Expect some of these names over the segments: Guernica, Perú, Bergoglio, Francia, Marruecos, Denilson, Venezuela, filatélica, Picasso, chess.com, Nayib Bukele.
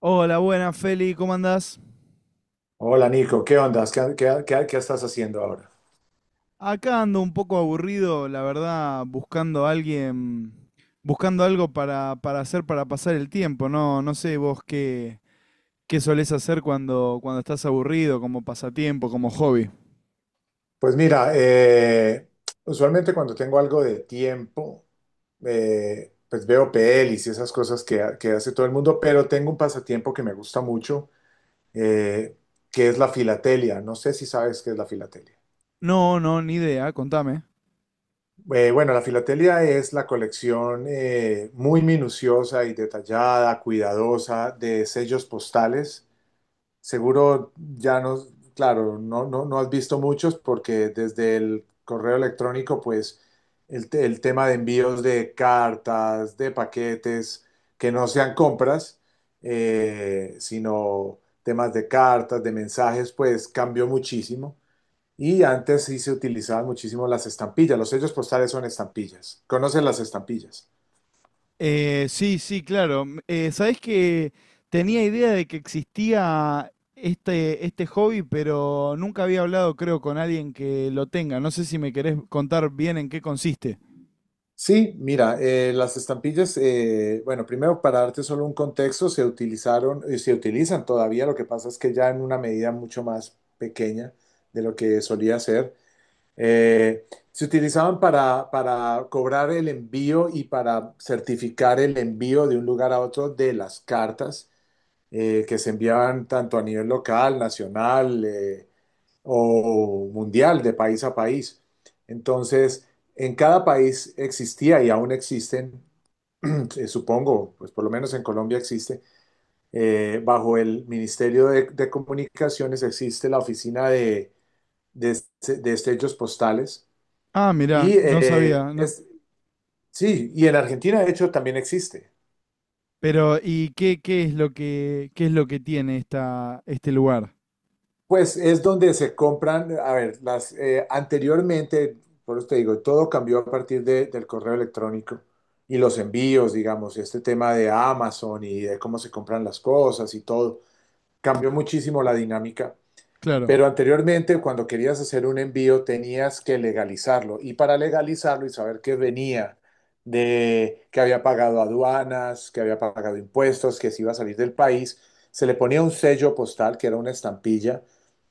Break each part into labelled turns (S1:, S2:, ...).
S1: Hola, buenas, Feli, ¿cómo andás?
S2: Hola, Nico, ¿qué ondas? ¿qué estás haciendo ahora?
S1: Acá ando un poco aburrido, la verdad, buscando a alguien, buscando algo para hacer para pasar el tiempo, ¿no? No sé vos qué solés hacer cuando estás aburrido, como pasatiempo, como hobby.
S2: Pues mira, usualmente cuando tengo algo de tiempo, pues veo pelis y esas cosas que hace todo el mundo, pero tengo un pasatiempo que me gusta mucho, eh, que es la filatelia. No sé si sabes qué es la filatelia.
S1: No, no, ni idea, contame.
S2: Bueno, la filatelia es la colección muy minuciosa y detallada, cuidadosa de sellos postales. Seguro ya no, claro, no, no, no has visto muchos porque desde el correo electrónico, pues el tema de envíos de cartas, de paquetes, que no sean compras, sino temas de cartas, de mensajes, pues cambió muchísimo. Y antes sí se utilizaban muchísimo las estampillas, los sellos postales son estampillas. ¿Conoces las estampillas?
S1: Sí, sí, claro. Sabés que tenía idea de que existía este hobby, pero nunca había hablado, creo, con alguien que lo tenga. No sé si me querés contar bien en qué consiste.
S2: Sí, mira, las estampillas, bueno, primero para darte solo un contexto, se utilizaron y se utilizan todavía, lo que pasa es que ya en una medida mucho más pequeña de lo que solía ser. Se utilizaban para cobrar el envío y para certificar el envío de un lugar a otro de las cartas, que se enviaban tanto a nivel local, nacional, o mundial de país a país. Entonces, en cada país existía y aún existen, supongo, pues por lo menos en Colombia existe, bajo el Ministerio de Comunicaciones existe la oficina de estrellos postales.
S1: Ah, mirá,
S2: Y
S1: no sabía.
S2: es, sí, y en Argentina de hecho también existe.
S1: Pero, ¿y qué es lo que, qué es lo que tiene este lugar?
S2: Pues es donde se compran, a ver, las, anteriormente, por eso te digo, todo cambió a partir del correo electrónico y los envíos, digamos, este tema de Amazon y de cómo se compran las cosas y todo, cambió muchísimo la dinámica.
S1: Claro,
S2: Pero anteriormente, cuando querías hacer un envío, tenías que legalizarlo. Y para legalizarlo y saber que venía de que había pagado aduanas, que había pagado impuestos, que se iba a salir del país, se le ponía un sello postal, que era una estampilla,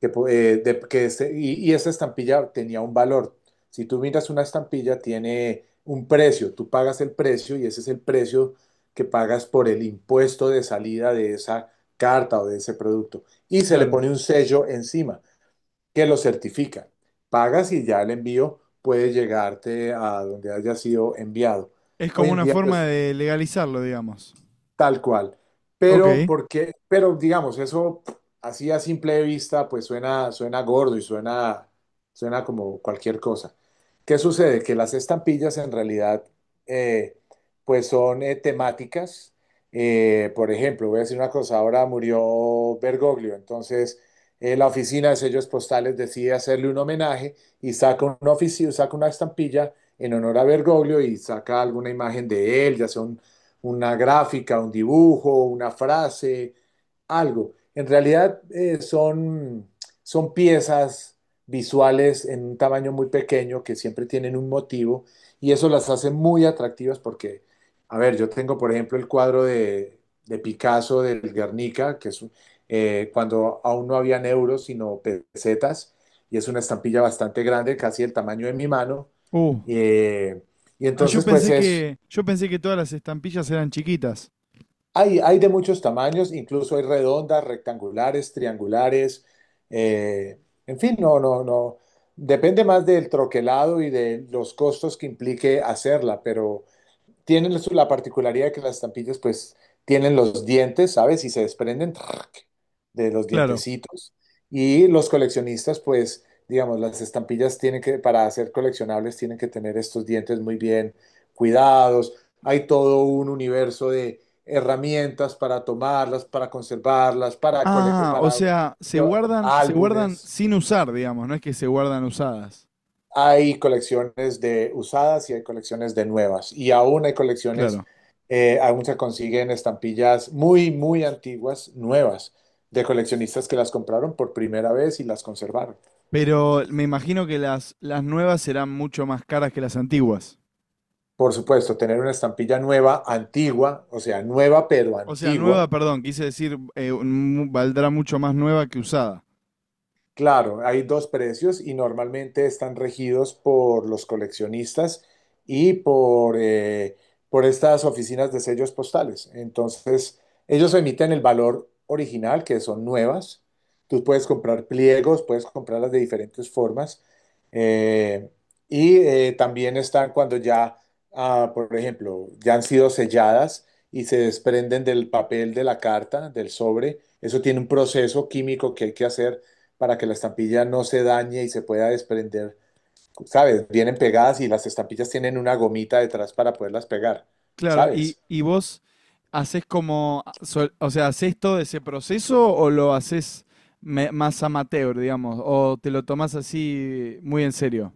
S2: que, po- de- que se- y esa estampilla tenía un valor. Si tú miras una estampilla, tiene un precio. Tú pagas el precio y ese es el precio que pagas por el impuesto de salida de esa carta o de ese producto y se le
S1: claro.
S2: pone un sello encima que lo certifica. Pagas y ya el envío puede llegarte a donde haya sido enviado.
S1: Es
S2: Hoy
S1: como
S2: en
S1: una
S2: día,
S1: forma
S2: pues
S1: de legalizarlo, digamos.
S2: tal cual. Pero
S1: Ok.
S2: porque, pero digamos, eso así a simple vista, pues suena gordo y suena como cualquier cosa. ¿Qué sucede? Que las estampillas en realidad, eh, pues son, temáticas. Por ejemplo, voy a decir una cosa, ahora murió Bergoglio, entonces la oficina de sellos postales decide hacerle un homenaje y saca saca una estampilla en honor a Bergoglio y saca alguna imagen de él, ya sea un una gráfica, un dibujo, una frase, algo. En realidad son piezas visuales en un tamaño muy pequeño que siempre tienen un motivo y eso las hace muy atractivas porque, a ver, yo tengo por ejemplo el cuadro de Picasso del Guernica, que es cuando aún no habían euros sino pesetas y es una estampilla bastante grande, casi el tamaño de mi mano.
S1: Uh.
S2: Eh, y
S1: Ah,
S2: entonces pues es.
S1: yo pensé que todas las estampillas eran chiquitas.
S2: Hay de muchos tamaños, incluso hay redondas, rectangulares, triangulares, eh, en fin, no, no, no. Depende más del troquelado y de los costos que implique hacerla, pero tienen la particularidad de que las estampillas pues tienen los dientes, ¿sabes? Y se desprenden ¡trac! De los
S1: Claro.
S2: dientecitos. Y los coleccionistas pues, digamos, las estampillas tienen que, para ser coleccionables, tienen que tener estos dientes muy bien cuidados. Hay todo un universo de herramientas para tomarlas, para conservarlas, para, cole-
S1: Ah, o
S2: para
S1: sea,
S2: llevar-
S1: se guardan
S2: álbumes.
S1: sin usar, digamos, no es que se guardan usadas.
S2: Hay colecciones de usadas y hay colecciones de nuevas. Y aún hay colecciones,
S1: Claro.
S2: aún se consiguen estampillas muy, muy antiguas, nuevas, de coleccionistas que las compraron por primera vez y las conservaron.
S1: Pero me imagino que las nuevas serán mucho más caras que las antiguas.
S2: Por supuesto, tener una estampilla nueva, antigua, o sea, nueva pero
S1: O sea, nueva,
S2: antigua.
S1: perdón, quise decir, valdrá mucho más nueva que usada.
S2: Claro, hay dos precios y normalmente están regidos por los coleccionistas y por estas oficinas de sellos postales. Entonces, ellos emiten el valor original, que son nuevas. Tú puedes comprar pliegos, puedes comprarlas de diferentes formas. Eh, También están cuando ya, ah, por ejemplo, ya han sido selladas y se desprenden del papel de la carta, del sobre. Eso tiene un proceso químico que hay que hacer para que la estampilla no se dañe y se pueda desprender. ¿Sabes? Vienen pegadas y las estampillas tienen una gomita detrás para poderlas pegar.
S1: Claro,
S2: ¿Sabes?
S1: y vos haces como, o sea, ¿haces todo ese proceso o lo haces más amateur, digamos? ¿O te lo tomás así muy en serio?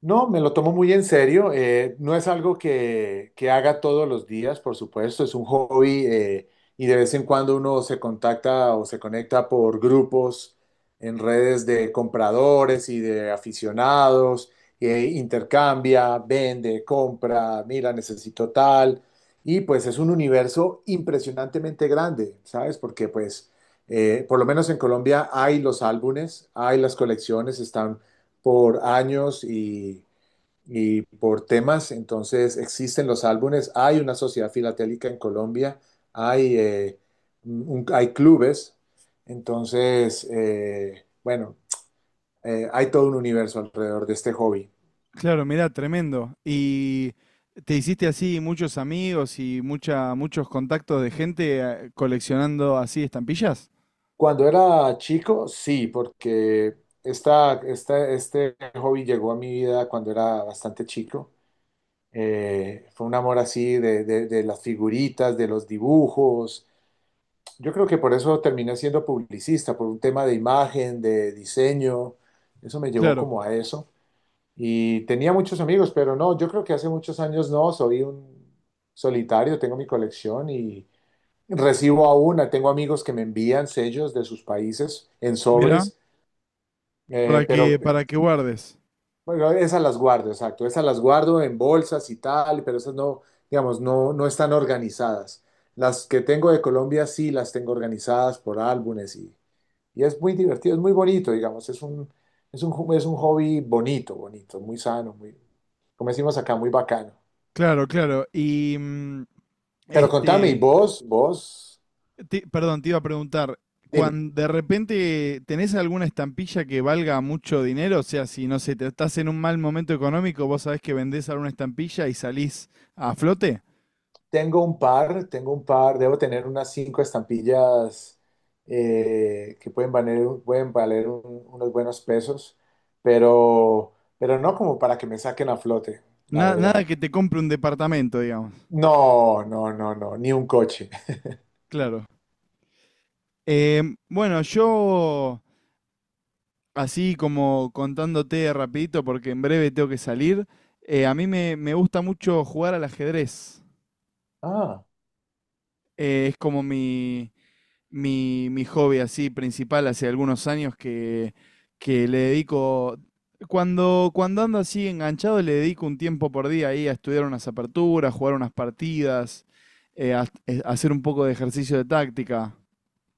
S2: No, me lo tomo muy en serio. No es algo que haga todos los días, por supuesto. Es un hobby, y de vez en cuando uno se contacta o se conecta por grupos en redes de compradores y de aficionados. Intercambia, vende, compra, mira, necesito tal. Y pues es un universo impresionantemente grande, ¿sabes? Porque pues, por lo menos en Colombia hay los álbumes, hay las colecciones, están por años y por temas, entonces existen los álbumes, hay una sociedad filatélica en Colombia, hay, eh, hay clubes, entonces, bueno, hay todo un universo alrededor de este hobby.
S1: Claro, mira, tremendo. ¿Y te hiciste así muchos amigos y muchos contactos de gente coleccionando así estampillas?
S2: Cuando era chico, sí, porque este hobby llegó a mi vida cuando era bastante chico. Fue un amor así de las figuritas, de los dibujos. Yo creo que por eso terminé siendo publicista, por un tema de imagen, de diseño, eso me llevó
S1: Claro,
S2: como a eso. Y tenía muchos amigos, pero no, yo creo que hace muchos años no, soy un solitario, tengo mi colección y recibo aún, tengo amigos que me envían sellos de sus países en
S1: mira,
S2: sobres, pero
S1: para que guardes.
S2: bueno, esas las guardo, exacto, esas las guardo en bolsas y tal, pero esas no, digamos, no, no están organizadas. Las que tengo de Colombia sí las tengo organizadas por álbumes. Y es muy divertido, es muy bonito, digamos, es un hobby bonito, bonito, muy sano, muy, como decimos acá, muy bacano.
S1: Claro, claro. Y
S2: Pero contame, y
S1: este...
S2: vos,
S1: Perdón, te iba a preguntar,
S2: dime,
S1: cuando de repente tenés alguna estampilla que valga mucho dinero, o sea, si no sé, te estás en un mal momento económico, vos sabés que vendés alguna estampilla y salís a flote.
S2: tengo un par, debo tener unas 5 estampillas que pueden valer, unos buenos pesos, pero no como para que me saquen a flote, la verdad.
S1: Nada que te compre un departamento, digamos.
S2: No, no, no, no, ni un coche.
S1: Claro. Bueno, yo así como contándote rapidito, porque en breve tengo que salir, a mí me gusta mucho jugar al ajedrez.
S2: Ah.
S1: Es como mi hobby así principal hace algunos años que le dedico, cuando ando así enganchado, le dedico un tiempo por día ahí a estudiar unas aperturas, jugar unas partidas, hacer un poco de ejercicio de táctica.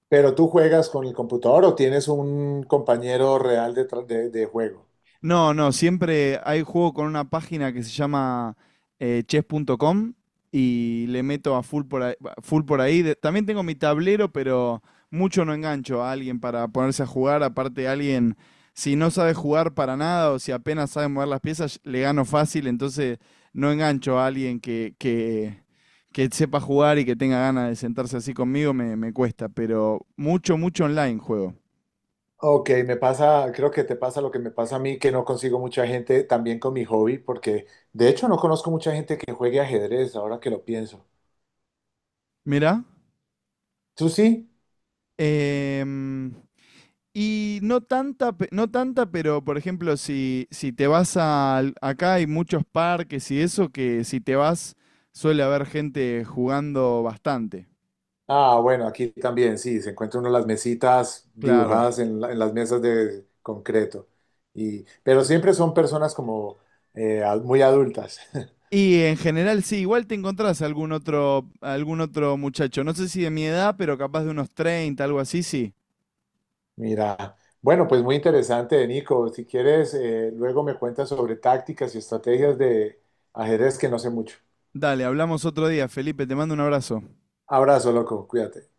S2: ¿Pero tú juegas con el computador o tienes un compañero real de juego?
S1: No, no, siempre hay juego con una página que se llama chess.com y le meto a full por ahí. También tengo mi tablero, pero mucho no engancho a alguien para ponerse a jugar. Aparte, alguien, si no sabe jugar para nada o si apenas sabe mover las piezas, le gano fácil. Entonces, no engancho a alguien que sepa jugar y que tenga ganas de sentarse así conmigo, me cuesta. Pero mucho, mucho online juego.
S2: Ok, me pasa, creo que te pasa lo que me pasa a mí, que no consigo mucha gente también con mi hobby, porque de hecho no conozco mucha gente que juegue ajedrez, ahora que lo pienso.
S1: Mirá.
S2: ¿Tú sí?
S1: em, Y no tanta, no tanta, pero por ejemplo, si te vas acá hay muchos parques y eso, que si te vas suele haber gente jugando bastante,
S2: Ah, bueno, aquí también, sí, se encuentra uno las mesitas
S1: claro.
S2: dibujadas en, en las mesas de concreto. Y, pero siempre son personas como muy adultas.
S1: Y en general sí, igual te encontrás algún otro muchacho, no sé si de mi edad, pero capaz de unos 30 algo así, sí.
S2: Mira, bueno, pues muy interesante, Nico. Si quieres, luego me cuentas sobre tácticas y estrategias de ajedrez que no sé mucho.
S1: Dale, hablamos otro día, Felipe, te mando un abrazo.
S2: Abrazo, loco, cuídate.